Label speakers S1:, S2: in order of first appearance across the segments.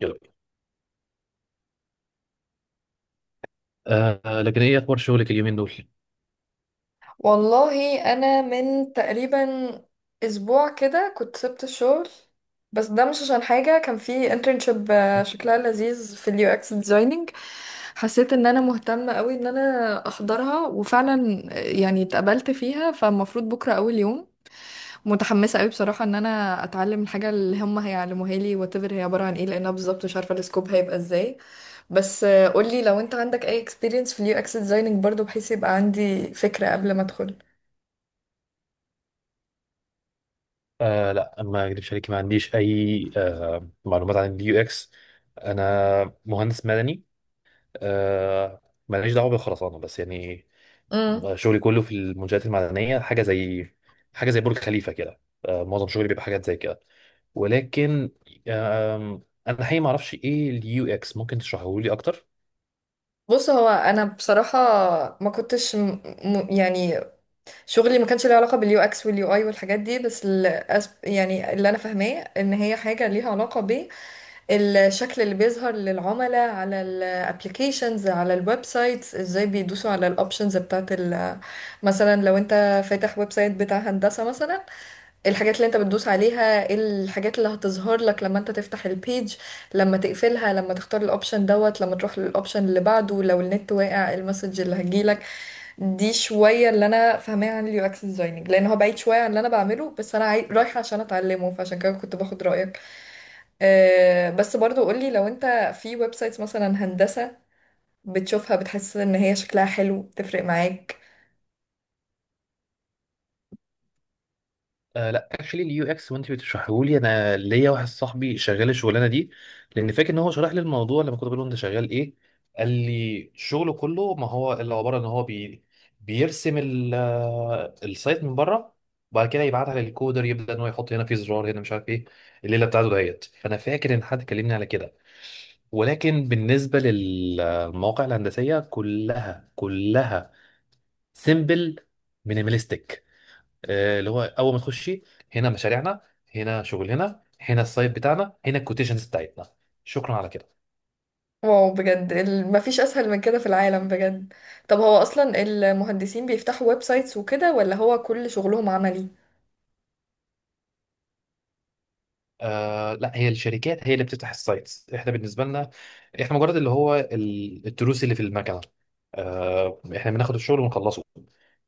S1: يلا بينا. لكن ايه اخبار شغلك اليومين دول؟
S2: والله انا من تقريبا اسبوع كده كنت سبت الشغل. بس ده مش عشان حاجه، كان في internship، شكلها لذيذ في اليو اكس ديزايننج. حسيت ان انا مهتمه قوي ان انا احضرها، وفعلا يعني اتقبلت فيها، فالمفروض بكره اول يوم. متحمسه قوي بصراحه ان انا اتعلم الحاجه اللي هم هيعلموها لي واتفر هي عباره عن ايه، لانها بالظبط مش عارفه السكوب هيبقى ازاي. بس قولي لو انت عندك اي experience في اليو اكس ديزايننج برضو، بحيث يبقى عندي فكره قبل ما ادخل.
S1: لا ما اكذبش عليك، ما عنديش اي معلومات عن اليو اكس. انا مهندس مدني. آه ماليش دعوه بالخرسانه، بس يعني
S2: امم
S1: شغلي كله في المنشآت المدنيه. حاجه زي برج خليفه كده. معظم شغلي بيبقى حاجات زي كده، ولكن آه انا حقيقي ما اعرفش ايه اليو اكس، ممكن تشرحه لي اكتر؟
S2: بص، هو انا بصراحه ما كنتش يعني شغلي ما كانش له علاقه باليو اكس واليو اي والحاجات دي. بس يعني اللي انا فاهماه ان هي حاجه ليها علاقه بالشكل اللي بيظهر للعملاء على الابلكيشنز، على الويب سايتس، ازاي بيدوسوا على الاوبشنز بتاعت مثلا لو انت فاتح ويب سايت بتاع هندسه مثلا. الحاجات اللي انت بتدوس عليها، ايه الحاجات اللي هتظهر لك لما انت تفتح البيج، لما تقفلها، لما تختار الاوبشن دوت، لما تروح للاوبشن اللي بعده، لو النت واقع المسج اللي هتجيلك. دي شوية اللي انا فاهماها عن اليو اكس ديزايننج، لان هو بعيد شوية عن اللي انا بعمله، بس انا رايحة عشان اتعلمه، فعشان كده كنت باخد رأيك. أه بس برضو قولي، لو انت في ويب سايتس مثلا هندسة بتشوفها، بتحس ان هي شكلها حلو تفرق معاك؟
S1: لا اكشلي اليو اكس وانت بتشرحه لي، انا ليا واحد صاحبي شغال الشغلانه دي، لان فاكر ان هو شرح لي الموضوع لما كنت بقول له انت شغال ايه، قال لي شغله كله ما هو اللي عباره ان هو بيرسم السايت من بره، وبعد كده يبعتها للكودر، يبدا ان هو يحط هنا في زرار، هنا مش عارف ايه الليله بتاعته دهيت، فانا فاكر ان حد كلمني على كده. ولكن بالنسبه للمواقع الهندسيه، كلها كلها سيمبل، مينيماليستيك. اللي هو اول ما تخشي هنا مشاريعنا، هنا شغلنا، هنا السايت بتاعنا، هنا الكوتيشنز بتاعتنا، شكرا على كده.
S2: واو بجد، مفيش اسهل من كده في العالم بجد. طب هو اصلا المهندسين بيفتحوا ويب سايتس وكده، ولا هو كل شغلهم عملي؟
S1: لا، هي الشركات هي اللي بتفتح السايتس. احنا بالنسبه لنا، احنا مجرد اللي هو التروس اللي في المكنه. احنا بناخد الشغل ونخلصه.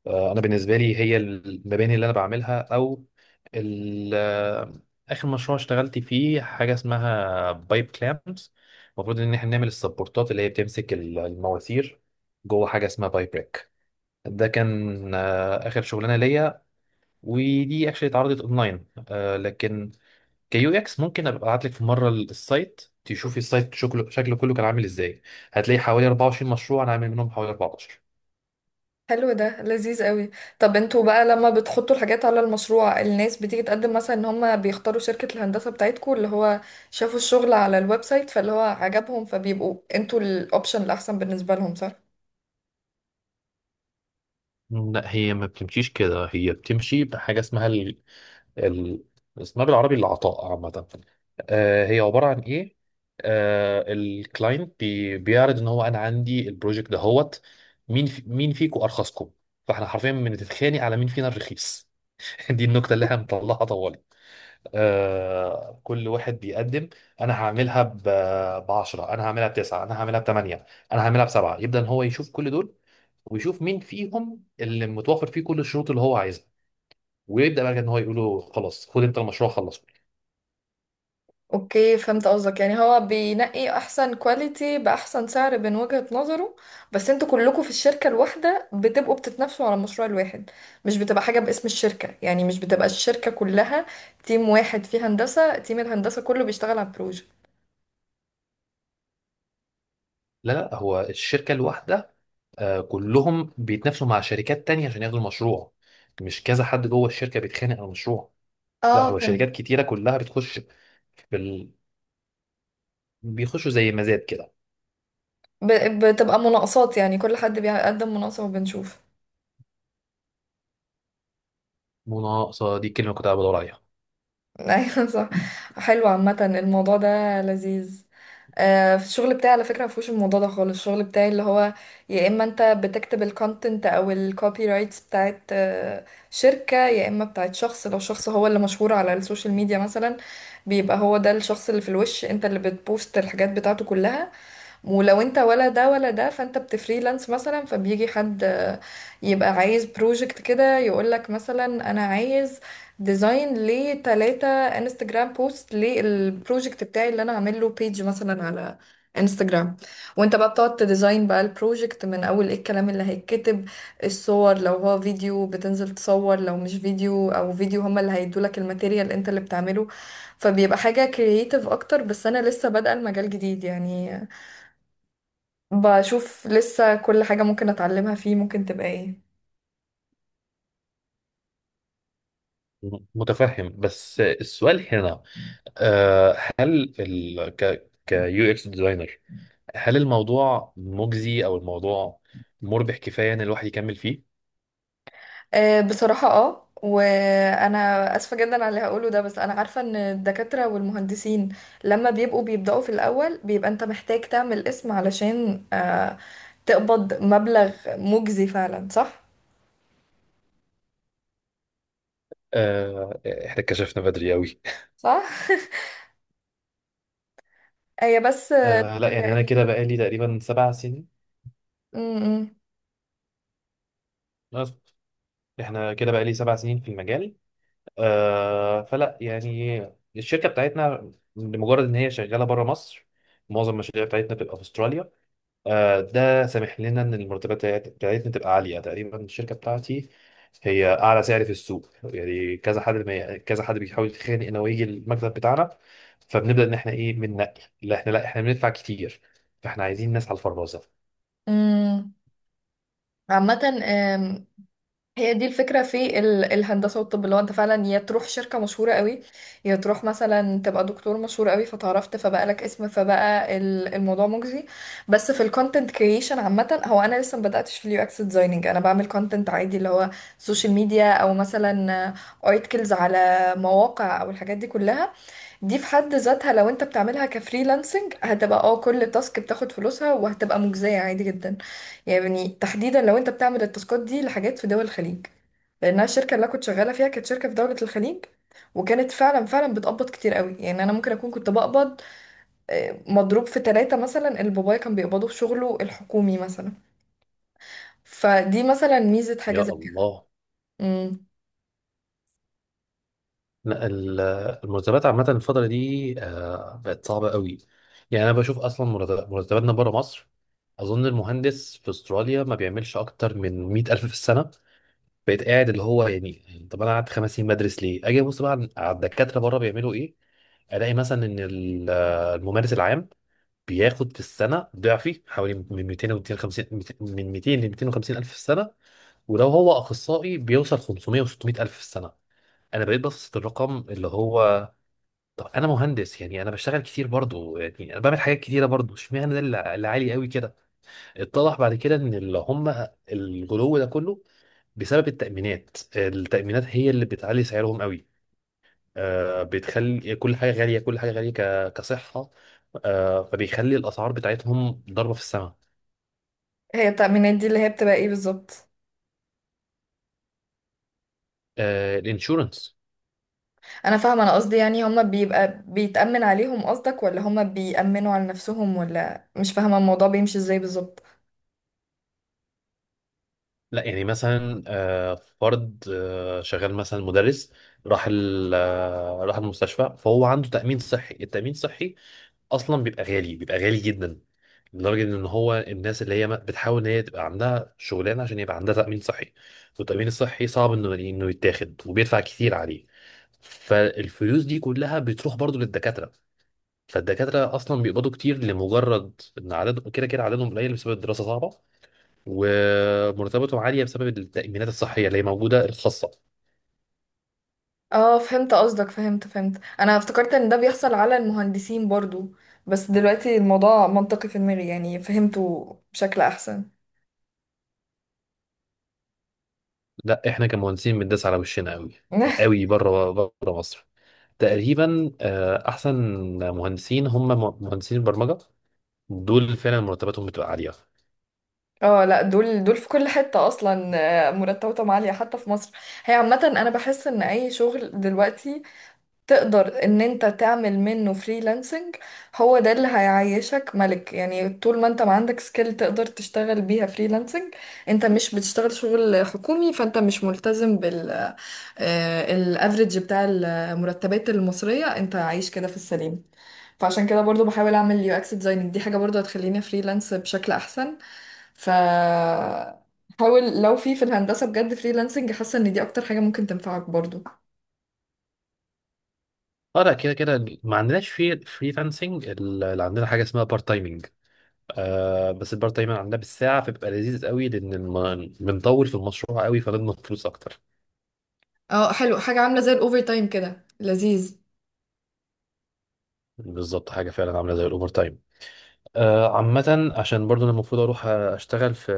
S1: انا بالنسبه لي هي المباني اللي انا بعملها، او ال- آه، اخر مشروع اشتغلت فيه حاجه اسمها بايب كلامز. المفروض ان احنا نعمل السبورتات اللي هي بتمسك المواسير جوه حاجه اسمها بايب ريك. ده كان اخر شغلانه ليا، ودي اكشلي اتعرضت اونلاين. لكن كيو اكس ممكن ابقى ابعت لك في مره السايت تشوفي السايت، شكله كله كان عامل ازاي. هتلاقي حوالي 24 مشروع انا عامل منهم حوالي 14.
S2: حلو ده لذيذ قوي. طب انتوا بقى لما بتحطوا الحاجات على المشروع، الناس بتيجي تقدم مثلا ان هم بيختاروا شركة الهندسة بتاعتكم، اللي هو شافوا الشغل على الويب سايت فاللي هو عجبهم، فبيبقوا انتوا الاوبشن الاحسن بالنسبة لهم، صح؟
S1: لا هي ما بتمشيش كده، هي بتمشي بحاجه اسمها ال... اسمها بالعربي العطاء عامه. هي عباره عن ايه؟ الكلاينت بيعرض ان هو انا عندي البروجكت دهوت، مين فيكم ارخصكم؟ فاحنا حرفيا بنتخانق على مين فينا الرخيص. دي النكته اللي احنا مطلعها طوالي. كل واحد بيقدم، انا هعملها ب 10، انا هعملها بتسعة، انا هعملها بثمانية، انا هعملها بسبعة. يبدا ان هو يشوف كل دول ويشوف مين فيهم اللي متوفر فيه كل الشروط اللي هو عايزها، ويبدا بقى ان هو يقول له خلاص خد انت المشروع خلصه.
S2: اوكي، فهمت قصدك. يعني هو بينقي احسن كواليتي باحسن سعر من وجهة نظره. بس انتوا كلكم في الشركة الواحدة بتبقوا بتتنافسوا على المشروع الواحد؟ مش بتبقى حاجة باسم الشركة؟ يعني مش بتبقى الشركة كلها تيم واحد؟ في هندسة تيم الهندسة كله بيشتغل على البروجكت.
S1: لا لا، هو الشركه الواحده، كلهم بيتنافسوا مع شركات تانية عشان ياخدوا المشروع، مش كذا حد جوه الشركه بيتخانق على المشروع. لا
S2: اه
S1: هو
S2: فهمت.
S1: شركات كتيره كلها بتخش بال... بيخشوا زي مزاد كده.
S2: بتبقى مناقصات يعني، كل حد بيقدم مناقصة وبنشوف.
S1: مناقصه، دي الكلمه اللي كنت قاعد بدور عليها.
S2: ايوه صح. حلو، عامة الموضوع ده لذيذ. في الشغل بتاعي على فكرة مفهوش الموضوع ده خالص. الشغل بتاعي اللي هو يا اما انت بتكتب الكونتنت او الكوبي رايتس بتاعت شركة، يا اما بتاعت شخص. لو شخص هو اللي مشهور على السوشيال ميديا مثلا، بيبقى هو ده الشخص اللي في الوش، انت اللي بتبوست الحاجات بتاعته كلها. ولو انت ولا ده ولا ده، فانت بتفريلانس مثلا، فبيجي حد يبقى عايز بروجكت كده، يقولك مثلا انا عايز ديزاين لتلاتة انستجرام بوست للبروجكت بتاعي اللي انا عامل له بيج مثلا على انستجرام. وانت بقى بتقعد تديزاين بقى البروجكت من اول ايه الكلام اللي هيتكتب، الصور، لو هو فيديو بتنزل تصور، لو مش فيديو او فيديو هما اللي هيدولك الماتيريال انت اللي بتعمله. فبيبقى حاجة كرييتيف اكتر، بس انا لسه بادئة المجال جديد يعني، بشوف لسه كل حاجة ممكن اتعلمها فيه ممكن تبقى ايه.
S1: متفهم، بس السؤال هنا هل ال ك كيو اكس ديزاينر، هل الموضوع مجزي او الموضوع مربح كفايه ان الواحد يكمل فيه؟
S2: بصراحة اه، وانا اسفة جدا على اللي هقوله ده، بس انا عارفة ان الدكاترة والمهندسين لما بيبقوا بيبدأوا في الاول بيبقى انت محتاج تعمل اسم علشان تقبض مبلغ مجزي، فعلا صح؟
S1: آه، احنا كشفنا بدري قوي.
S2: صح؟ هي بس
S1: لا يعني
S2: هي
S1: انا كده بقالي تقريبا 7 سنين
S2: م-
S1: بس. احنا كده بقالي 7 سنين في المجال. فلا يعني الشركه بتاعتنا لمجرد ان هي شغاله بره مصر، معظم المشاريع بتاعتنا بتبقى في استراليا. ده سامح لنا ان المرتبات بتاعتنا تبقى عاليه. تقريبا الشركه بتاعتي هي اعلى سعر في السوق، يعني كذا حد ما كذا حد بيحاول يتخانق انه يجي المكتب بتاعنا، فبنبدا ان احنا ايه بننقي. لا احنا بندفع كتير، فاحنا عايزين ناس على الفرازه.
S2: م- م. عامة، هي دي الفكرة في الهندسة والطب، اللي هو انت فعلا يا تروح شركة مشهورة قوي، يا تروح مثلا تبقى دكتور مشهور قوي، فتعرفت فبقى لك اسم، فبقى الموضوع مجزي. بس في الكونتنت كريشن عامة، هو انا لسه مبدأتش في اليو اكس ديزايننج. انا بعمل كونتنت عادي، اللي هو سوشيال ميديا او مثلا ارتكلز على مواقع او الحاجات دي كلها. دي في حد ذاتها لو انت بتعملها كفريلانسنج، هتبقى اه كل تاسك بتاخد فلوسها وهتبقى مجزية عادي جدا. يعني تحديدا لو انت بتعمل التاسكات دي لحاجات في دول الخليج، لانها الشركة اللي انا كنت شغالة فيها كانت شركة في دولة الخليج، وكانت فعلا فعلا بتقبض كتير قوي. يعني انا ممكن اكون كنت بقبض مضروب في ثلاثة مثلا اللي بابايا كان بيقبضه في شغله الحكومي مثلا، فدي مثلا ميزة حاجة
S1: يا
S2: زي كده.
S1: الله.
S2: امم
S1: لا ال- المرتبات عامه الفتره دي بقت صعبه قوي. يعني انا بشوف اصلا مرتباتنا بره مصر، اظن المهندس في استراليا ما بيعملش اكتر من 100,000 في السنه. بقيت قاعد اللي هو يعني طب انا قعدت 5 سنين بدرس ليه؟ اجي ابص بقى على الدكاتره بره بيعملوا ايه؟ الاقي مثلا ان الممارس العام بياخد في السنه ضعفي، حوالي من 200 و 250، من 200 ل 250 الف في السنه، ولو هو اخصائي بيوصل 500 و 600 الف في السنه. انا بقيت ببسط الرقم، اللي هو طب انا مهندس يعني انا بشتغل كتير برضه، يعني انا بعمل حاجات كتيره برضه، اشمعنى ده اللي عالي قوي كده؟ اتضح بعد كده ان اللي هم الغلو ده كله بسبب التأمينات. التأمينات هي اللي بتعلي سعرهم قوي. بتخلي كل حاجة غالية، كل حاجة غالية كصحة. فبيخلي الأسعار بتاعتهم ضربة في السماء.
S2: هي التأمينات دي اللي هي بتبقى ايه بالظبط؟
S1: الانشورنس.
S2: انا فاهمه، انا قصدي يعني هما بيبقى بيتأمن عليهم قصدك، ولا هما بيأمنوا على نفسهم، ولا مش فاهمه الموضوع بيمشي ازاي بالظبط؟
S1: لا يعني مثلا فرد شغال مثلا مدرس، راح راح المستشفى فهو عنده تأمين صحي. التأمين الصحي أصلا بيبقى غالي، بيبقى غالي جدا، لدرجة إن هو الناس اللي هي بتحاول إن هي تبقى عندها شغلانة عشان يبقى عندها تأمين صحي. والتأمين الصحي صعب إنه يتاخد وبيدفع كتير عليه. فالفلوس دي كلها بتروح برضو للدكاترة. فالدكاترة أصلا بيقبضوا كتير، لمجرد إن عددهم كده كده، عددهم قليل بسبب الدراسة صعبة، ومرتباتهم عالية بسبب التأمينات الصحية اللي هي موجودة الخاصة.
S2: اه فهمت قصدك، فهمت فهمت. انا افتكرت ان ده بيحصل على المهندسين برضو، بس دلوقتي الموضوع منطقي في دماغي، يعني فهمته بشكل احسن.
S1: لا، إحنا كمهندسين بنداس على وشنا أوي، أوي بره بره مصر. تقريبا أحسن مهندسين هم مهندسين البرمجة، دول فعلا مرتباتهم بتبقى عاليه.
S2: اه لا دول دول في كل حتة اصلا، مرتباتهم عالية حتى في مصر. هي عامة انا بحس ان اي شغل دلوقتي تقدر ان انت تعمل منه فريلانسنج هو ده اللي هيعيشك ملك. يعني طول ما انت ما عندك سكيل تقدر تشتغل بيها فريلانسنج، انت مش بتشتغل شغل حكومي، فانت مش ملتزم الافريج بتاع المرتبات المصرية. انت عايش كده في السليم، فعشان كده برضو بحاول اعمل يو اكس ديزايننج، دي حاجة برضو هتخليني فريلانس بشكل احسن. ف حاول لو في الهندسة بجد فريلانسنج، حاسة ان دي اكتر حاجة ممكن تنفعك برضو.
S1: اه لا، كده كده ما عندناش في فريلانسنج، اللي عندنا حاجه اسمها بارت تايمنج. بس البارت تايمنج عندنا بالساعه، فبيبقى لذيذ قوي لان بنطول في المشروع قوي فبنضمن فلوس اكتر.
S2: اه حلو، حاجة عاملة زي الأوفر تايم، كده لذيذ.
S1: بالظبط، حاجه فعلا عامله زي الاوفر تايم. عامه عشان برضو انا المفروض اروح اشتغل في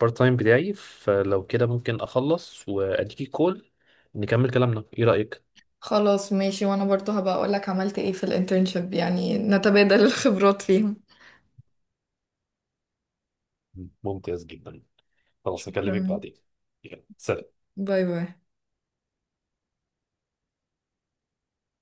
S1: بارت تايم بتاعي، فلو كده ممكن اخلص واديكي كول نكمل كلامنا، ايه رايك؟
S2: خلاص ماشي، وأنا برضو هبقى أقولك عملت ايه في الانترنشيب، يعني نتبادل الخبرات فيهم.
S1: ممتاز جدا. خلاص اكلمك
S2: شكرا.
S1: بعدين. يلا، سلام.
S2: باي باي.